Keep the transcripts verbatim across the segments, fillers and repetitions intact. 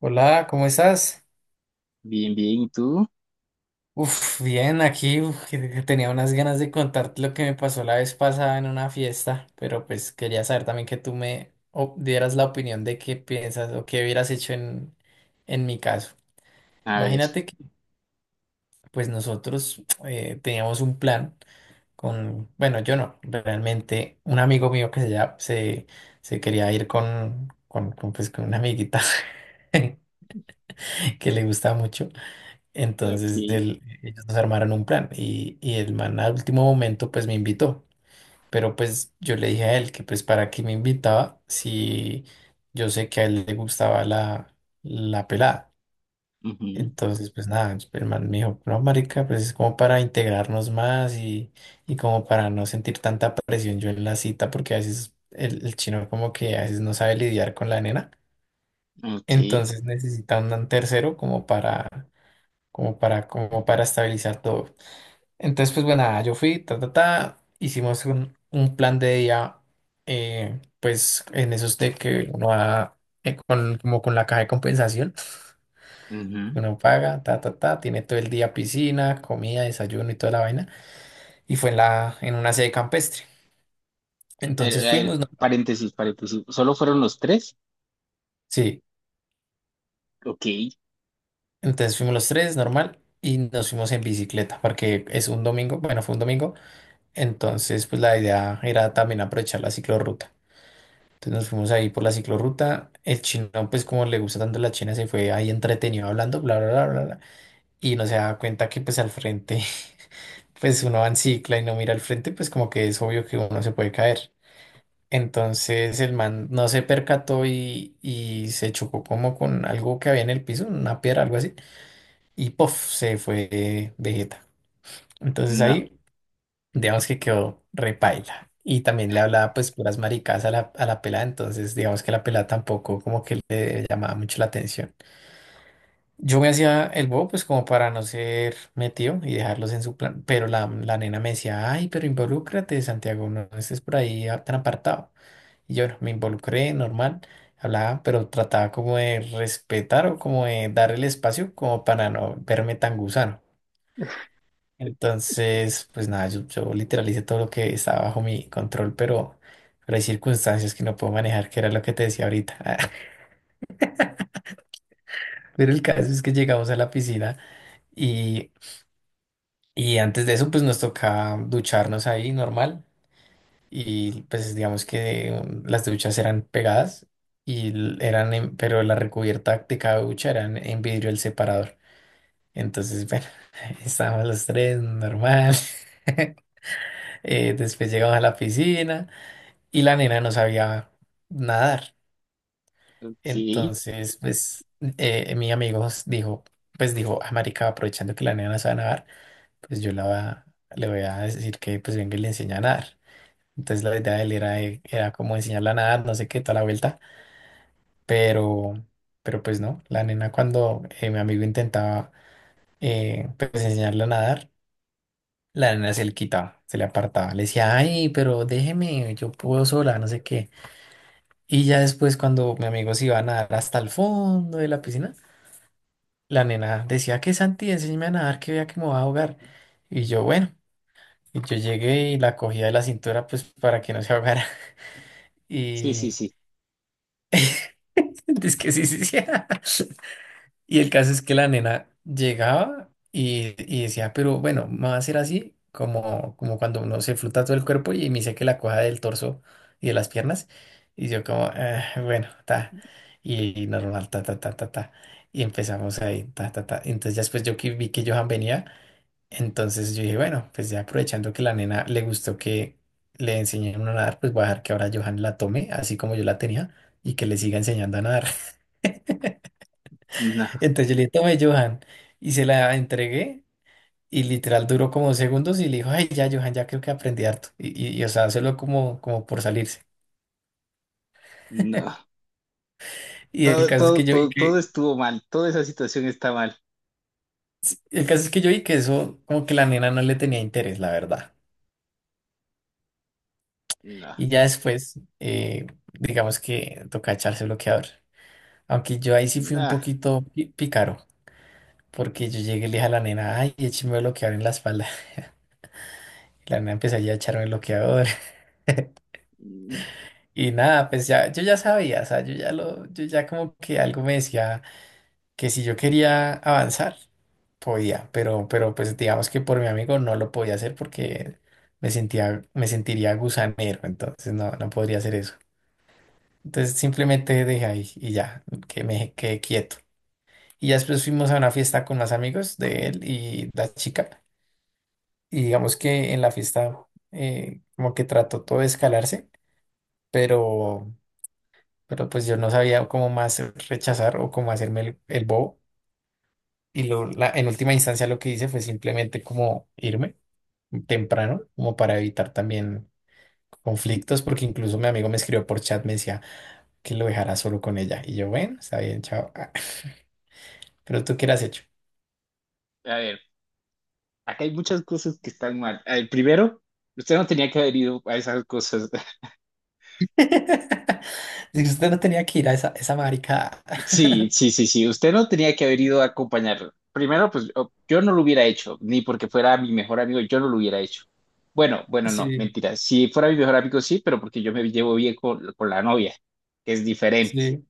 Hola, ¿cómo estás? Bien, bien, ¿y tú? Uf, bien, aquí uf, que- que tenía unas ganas de contarte lo que me pasó la vez pasada en una fiesta, pero pues quería saber también que tú me o- dieras la opinión de qué piensas o qué hubieras hecho en, en mi caso. A ver. Imagínate que pues nosotros eh, teníamos un plan con, bueno, yo no, realmente un amigo mío que se, llama- se, se quería ir con, con, con, pues, con una amiguita que le gusta mucho. Entonces ok. Él- ellos nos armaron un plan y, y el man al último momento pues me invitó, pero pues yo le dije a él que pues para qué me invitaba si yo sé que a él le gustaba la, la pelada. Ujú. Entonces pues nada, el man me dijo, no marica, pues es como para integrarnos más y, y como para no sentir tanta presión yo en la cita porque a veces el, el chino como que a veces no sabe lidiar con la nena, Ok, entonces necesita un tercero como para como para, como para estabilizar todo. Entonces, pues bueno, nada yo fui, ta, ta, ta, hicimos un, un plan de día, eh, pues en esos de que uno va eh, con, como con la caja de compensación, ujú. uno paga, ta, ta, ta, tiene todo el día piscina, comida, desayuno y toda la vaina, y fue en la, en una sede campestre. A ver, Entonces a ver, fuimos, ¿no? paréntesis, paréntesis. ¿Solo fueron los tres? Sí, Ok. entonces fuimos los tres, normal, y nos fuimos en bicicleta, porque es un domingo, bueno, fue un domingo, entonces pues la idea era también aprovechar la ciclorruta. Entonces nos fuimos ahí por la ciclorruta. El chino, pues como le gusta tanto la China, se fue ahí entretenido hablando, bla, bla, bla, bla, bla. Y no se da cuenta que pues al frente, pues uno va en cicla y no mira al frente, pues como que es obvio que uno se puede caer. Entonces el man no se percató y, y se chocó como con algo que había en el piso, una piedra, algo así. Y puff, se fue de jeta. Entonces No, ahí digamos que quedó repaila. Y también le hablaba pues puras maricas a la, a la pelada, entonces digamos que la pelada tampoco como que le llamaba mucho la atención. Yo me hacía el bobo pues como para no ser metido y dejarlos en su plan, pero la, la nena me decía, ay, pero involúcrate, Santiago, no estés por ahí a- tan apartado. Y yo no, me involucré, normal, hablaba, pero trataba como de respetar o como de dar el espacio como para no verme tan gusano. Entonces, pues nada, yo, yo literal hice todo lo que estaba bajo mi control, pero, pero hay circunstancias que no puedo manejar, que era lo que te decía ahorita. Pero el caso es que llegamos a la piscina y, y antes de eso, pues nos tocaba ducharnos ahí normal. Y pues digamos que um, las duchas eran pegadas, y l- eran en- pero la recubierta de cada ducha era en en vidrio el separador. Entonces, bueno, estábamos los tres normal. Eh, después llegamos a la piscina y la nena no sabía nadar. ok, sí, Entonces, pues, eh, mi amigo dijo, pues dijo, ah, marica, aprovechando que la nena no sabe nadar, pues yo la, va- le voy a decir que pues venga y le enseña a nadar. Entonces la idea de él era, eh, era como enseñarla a nadar, no sé qué, toda la vuelta, pero, pero pues no, la nena cuando eh, mi amigo intentaba eh, pues enseñarla a nadar, la nena se le quitaba, se le apartaba, le decía, ay, pero déjeme, yo puedo sola, no sé qué. Y ya después, cuando mi amigo se iba a nadar hasta el fondo de la piscina, la nena decía que Santi, enséñame a nadar, que vea que me voy a ahogar. Y yo, bueno, y yo llegué y la cogía de la cintura, pues para que no se ahogara. sí, Y sí. es que sí, sí, sí. Y el caso es que la nena llegaba y, y decía, pero bueno, me va a hacer así, como, como cuando uno se fluta todo el cuerpo y me dice que la coja del torso y de las piernas. Y yo como, "Ah, bueno, ta. Y normal, ta, ta, ta, ta, ta. Y empezamos ahí, ta, ta, ta. Entonces ya después yo que vi que Johan venía, entonces yo dije, bueno, pues ya aprovechando que la nena le gustó que le enseñé a nadar, pues voy a dejar que ahora Johan la tome, así como yo la tenía, y que le siga enseñando a nadar. No, Entonces yo le dije, tome, Johan. Y se la entregué y literal duró como segundos y le dijo, ay, ya, Johan, ya creo que aprendí harto. Y, y, y, o sea, solo como, como por salirse. no. Y el Todo, caso es todo, que yo vi todo, todo que, estuvo mal, toda esa situación está mal. el caso es que yo vi que eso, como que la nena no le tenía interés, la verdad. No, Y ya después, eh, digamos que toca echarse bloqueador. Aunque yo ahí sí fui un no. poquito pi- pícaro, porque yo llegué y le dije a la nena, ay, écheme bloqueador en la espalda. La nena empezó ya a echarme bloqueador. Mm. Y nada, pues ya, yo ya sabía, o sea, yo ya lo, yo ya como que algo me decía que si yo quería avanzar, podía, pero, pero pues digamos que por mi amigo no lo podía hacer porque me sentía, me sentiría gusanero, entonces no, no podría hacer eso. Entonces simplemente dejé ahí y ya, que me quedé quieto. Y ya después fuimos a una fiesta con más amigos de él y la chica, y digamos que en la fiesta eh, como que trató todo de escalarse, pero pero pues yo no sabía cómo más rechazar o cómo hacerme el, el bobo. Y lo, la, en última instancia lo que hice fue simplemente como irme temprano, como para evitar también conflictos, porque incluso mi amigo me escribió por chat, me decía que lo dejara solo con ella. Y yo, bueno, está bien, chao. Ah, pero tú qué le has hecho. A ver, acá hay muchas cosas que están mal. A ver, primero, usted no tenía que haber ido a esas cosas. Si usted no tenía que ir a esa, esa maricada. Sí, sí, sí, sí. Usted no tenía que haber ido a acompañarlo. Primero, pues o- yo no lo hubiera hecho, ni porque fuera mi mejor amigo, yo no lo hubiera hecho. Bueno, bueno, no, Sí, mentira. Si fuera mi mejor amigo, sí, pero porque yo me llevo bien con, con la novia, que es diferente. sí,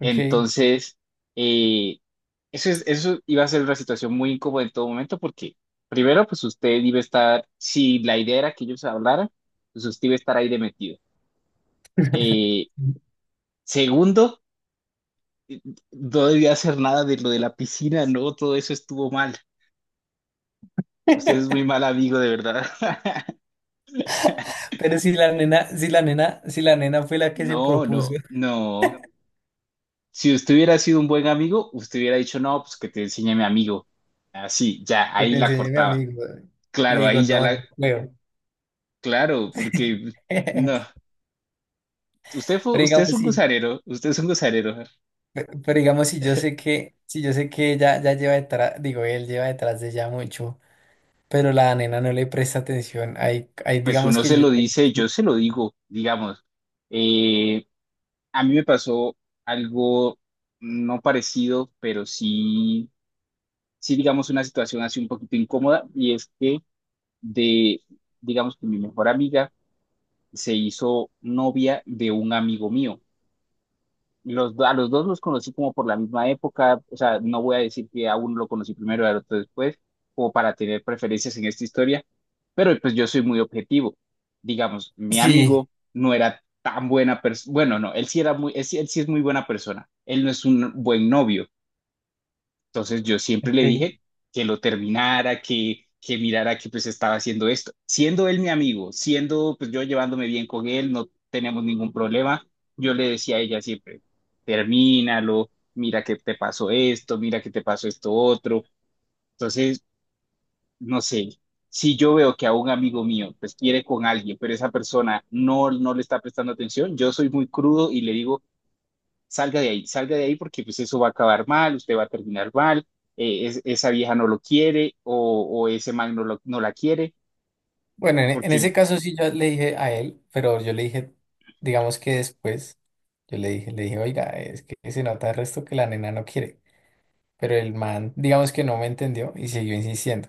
ok. Entonces, eh, eso es, eso iba a ser una situación muy incómoda en todo momento, porque primero, pues usted iba a estar, si la idea era que ellos hablaran, pues usted iba a estar ahí de metido. Eh, segundo, no debía hacer nada de lo de la piscina, no, todo eso estuvo mal. Usted es muy mal amigo, de verdad. Pero si la nena, si la nena, si la nena fue la que se No, propuso. no, no. Si usted hubiera sido un buen amigo, usted hubiera dicho, no, pues que te enseñe a mi amigo. Así, ya, Que ahí te la enseñé mi cortaba. amigo. Le Claro, digo, ahí ya no, la, yo juego. claro, porque no. Usted fue, Pero usted es digamos un si, gozarero, usted es un gozarero. pero digamos si yo sé que, si yo sé que ella ya lleva detrás, digo, él lleva detrás de ella mucho, pero la nena no le presta atención. Ahí, ahí Pues digamos uno que se yo ya lo le... dice, yo se lo digo, digamos. Eh, a mí me pasó algo no parecido, pero sí sí, digamos, una situación así un poquito incómoda y es que de, digamos que mi mejor amiga se hizo novia de un amigo mío. Los, do- a los dos los conocí como por la misma época, o sea, no voy a decir que a uno lo conocí primero y al otro después, como para tener preferencias en esta historia, pero pues yo soy muy objetivo. Digamos, mi Sí, amigo no era tan buena persona, bueno, no, él sí era muy, él sí él sí es muy buena persona, él no es un buen novio. Entonces yo siempre le ok. dije que lo terminara, que, que mirara que pues estaba haciendo esto. Siendo él mi amigo, siendo pues yo llevándome bien con él, no tenemos ningún problema, yo le decía a ella siempre, termínalo, mira que te pasó esto, mira que te pasó esto otro. Entonces, no sé, si yo veo que a un amigo mío pues quiere con alguien, pero esa persona no, no le está prestando atención, yo soy muy crudo y le digo, salga de ahí, salga de ahí porque pues eso va a acabar mal, usted va a terminar mal, eh, es- esa vieja no lo quiere o, o ese man no, lo- no la quiere, Bueno, en, en porque, ese caso sí yo le dije a él, pero yo le dije, digamos que después, yo le dije, le dije, oiga, es que se nota el resto que la nena no quiere. Pero el man, digamos que no me entendió y siguió insistiendo.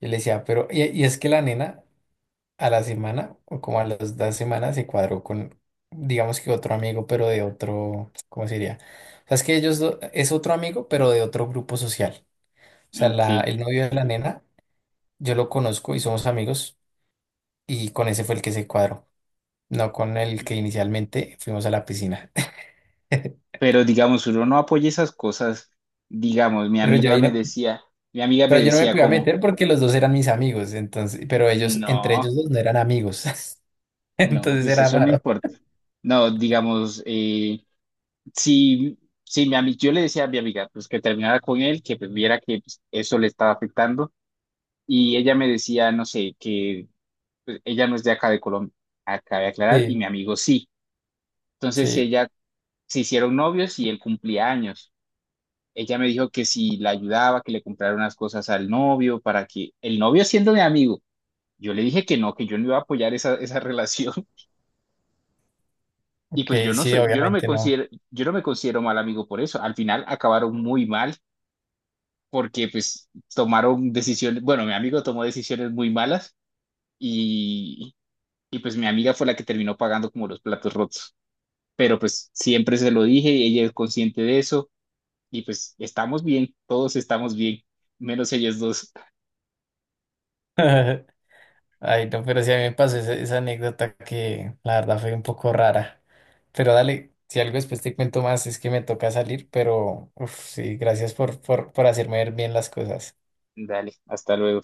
Yo le decía, pero, y, y es que la nena a la semana, o como a las dos semanas, se cuadró con, digamos que otro amigo, pero de otro, ¿cómo se diría? O sea, es que ellos, do- es otro amigo, pero de otro grupo social. O sea, la, ok, el novio de la nena, yo lo conozco y somos amigos, y con ese fue el que se cuadró, no con el que inicialmente fuimos a la piscina. pero digamos, uno no apoya esas cosas, digamos, mi Pero yo amiga ahí me no, decía, mi amiga me pero yo no me decía podía como, meter porque los dos eran mis amigos, entonces, pero ellos, entre no, ellos dos no eran amigos, no, entonces pues era eso no raro. importa, no, digamos, eh, si... si mi ami- yo le decía a mi amiga pues que terminara con él, que pues, viera que pues, eso le estaba afectando, y ella me decía, no sé, que pues, ella no es de acá de Colombia, acá de aclarar, y Sí, mi amigo sí. Entonces sí. ella se hicieron novios y él cumplía años. Ella me dijo que si la ayudaba, que le comprara unas cosas al novio para que el novio siendo mi amigo, yo le dije que no, que yo no iba a apoyar esa, esa relación. Y pues yo Que no sí, soy, yo no me obviamente no. considero, yo no me considero mal amigo por eso. Al final acabaron muy mal porque pues tomaron decisiones, bueno, mi amigo tomó decisiones muy malas y, y pues mi amiga fue la que terminó pagando como los platos rotos. Pero pues siempre se lo dije y ella es consciente de eso y pues estamos bien, todos estamos bien, menos ellos dos. Ay, no, pero sí a mí me pasó esa, esa anécdota que la verdad fue un poco rara. Pero dale, si algo después te cuento más, es que me toca salir, pero uf, sí, gracias por, por, por hacerme ver bien las cosas. Dale, hasta luego.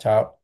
Chao.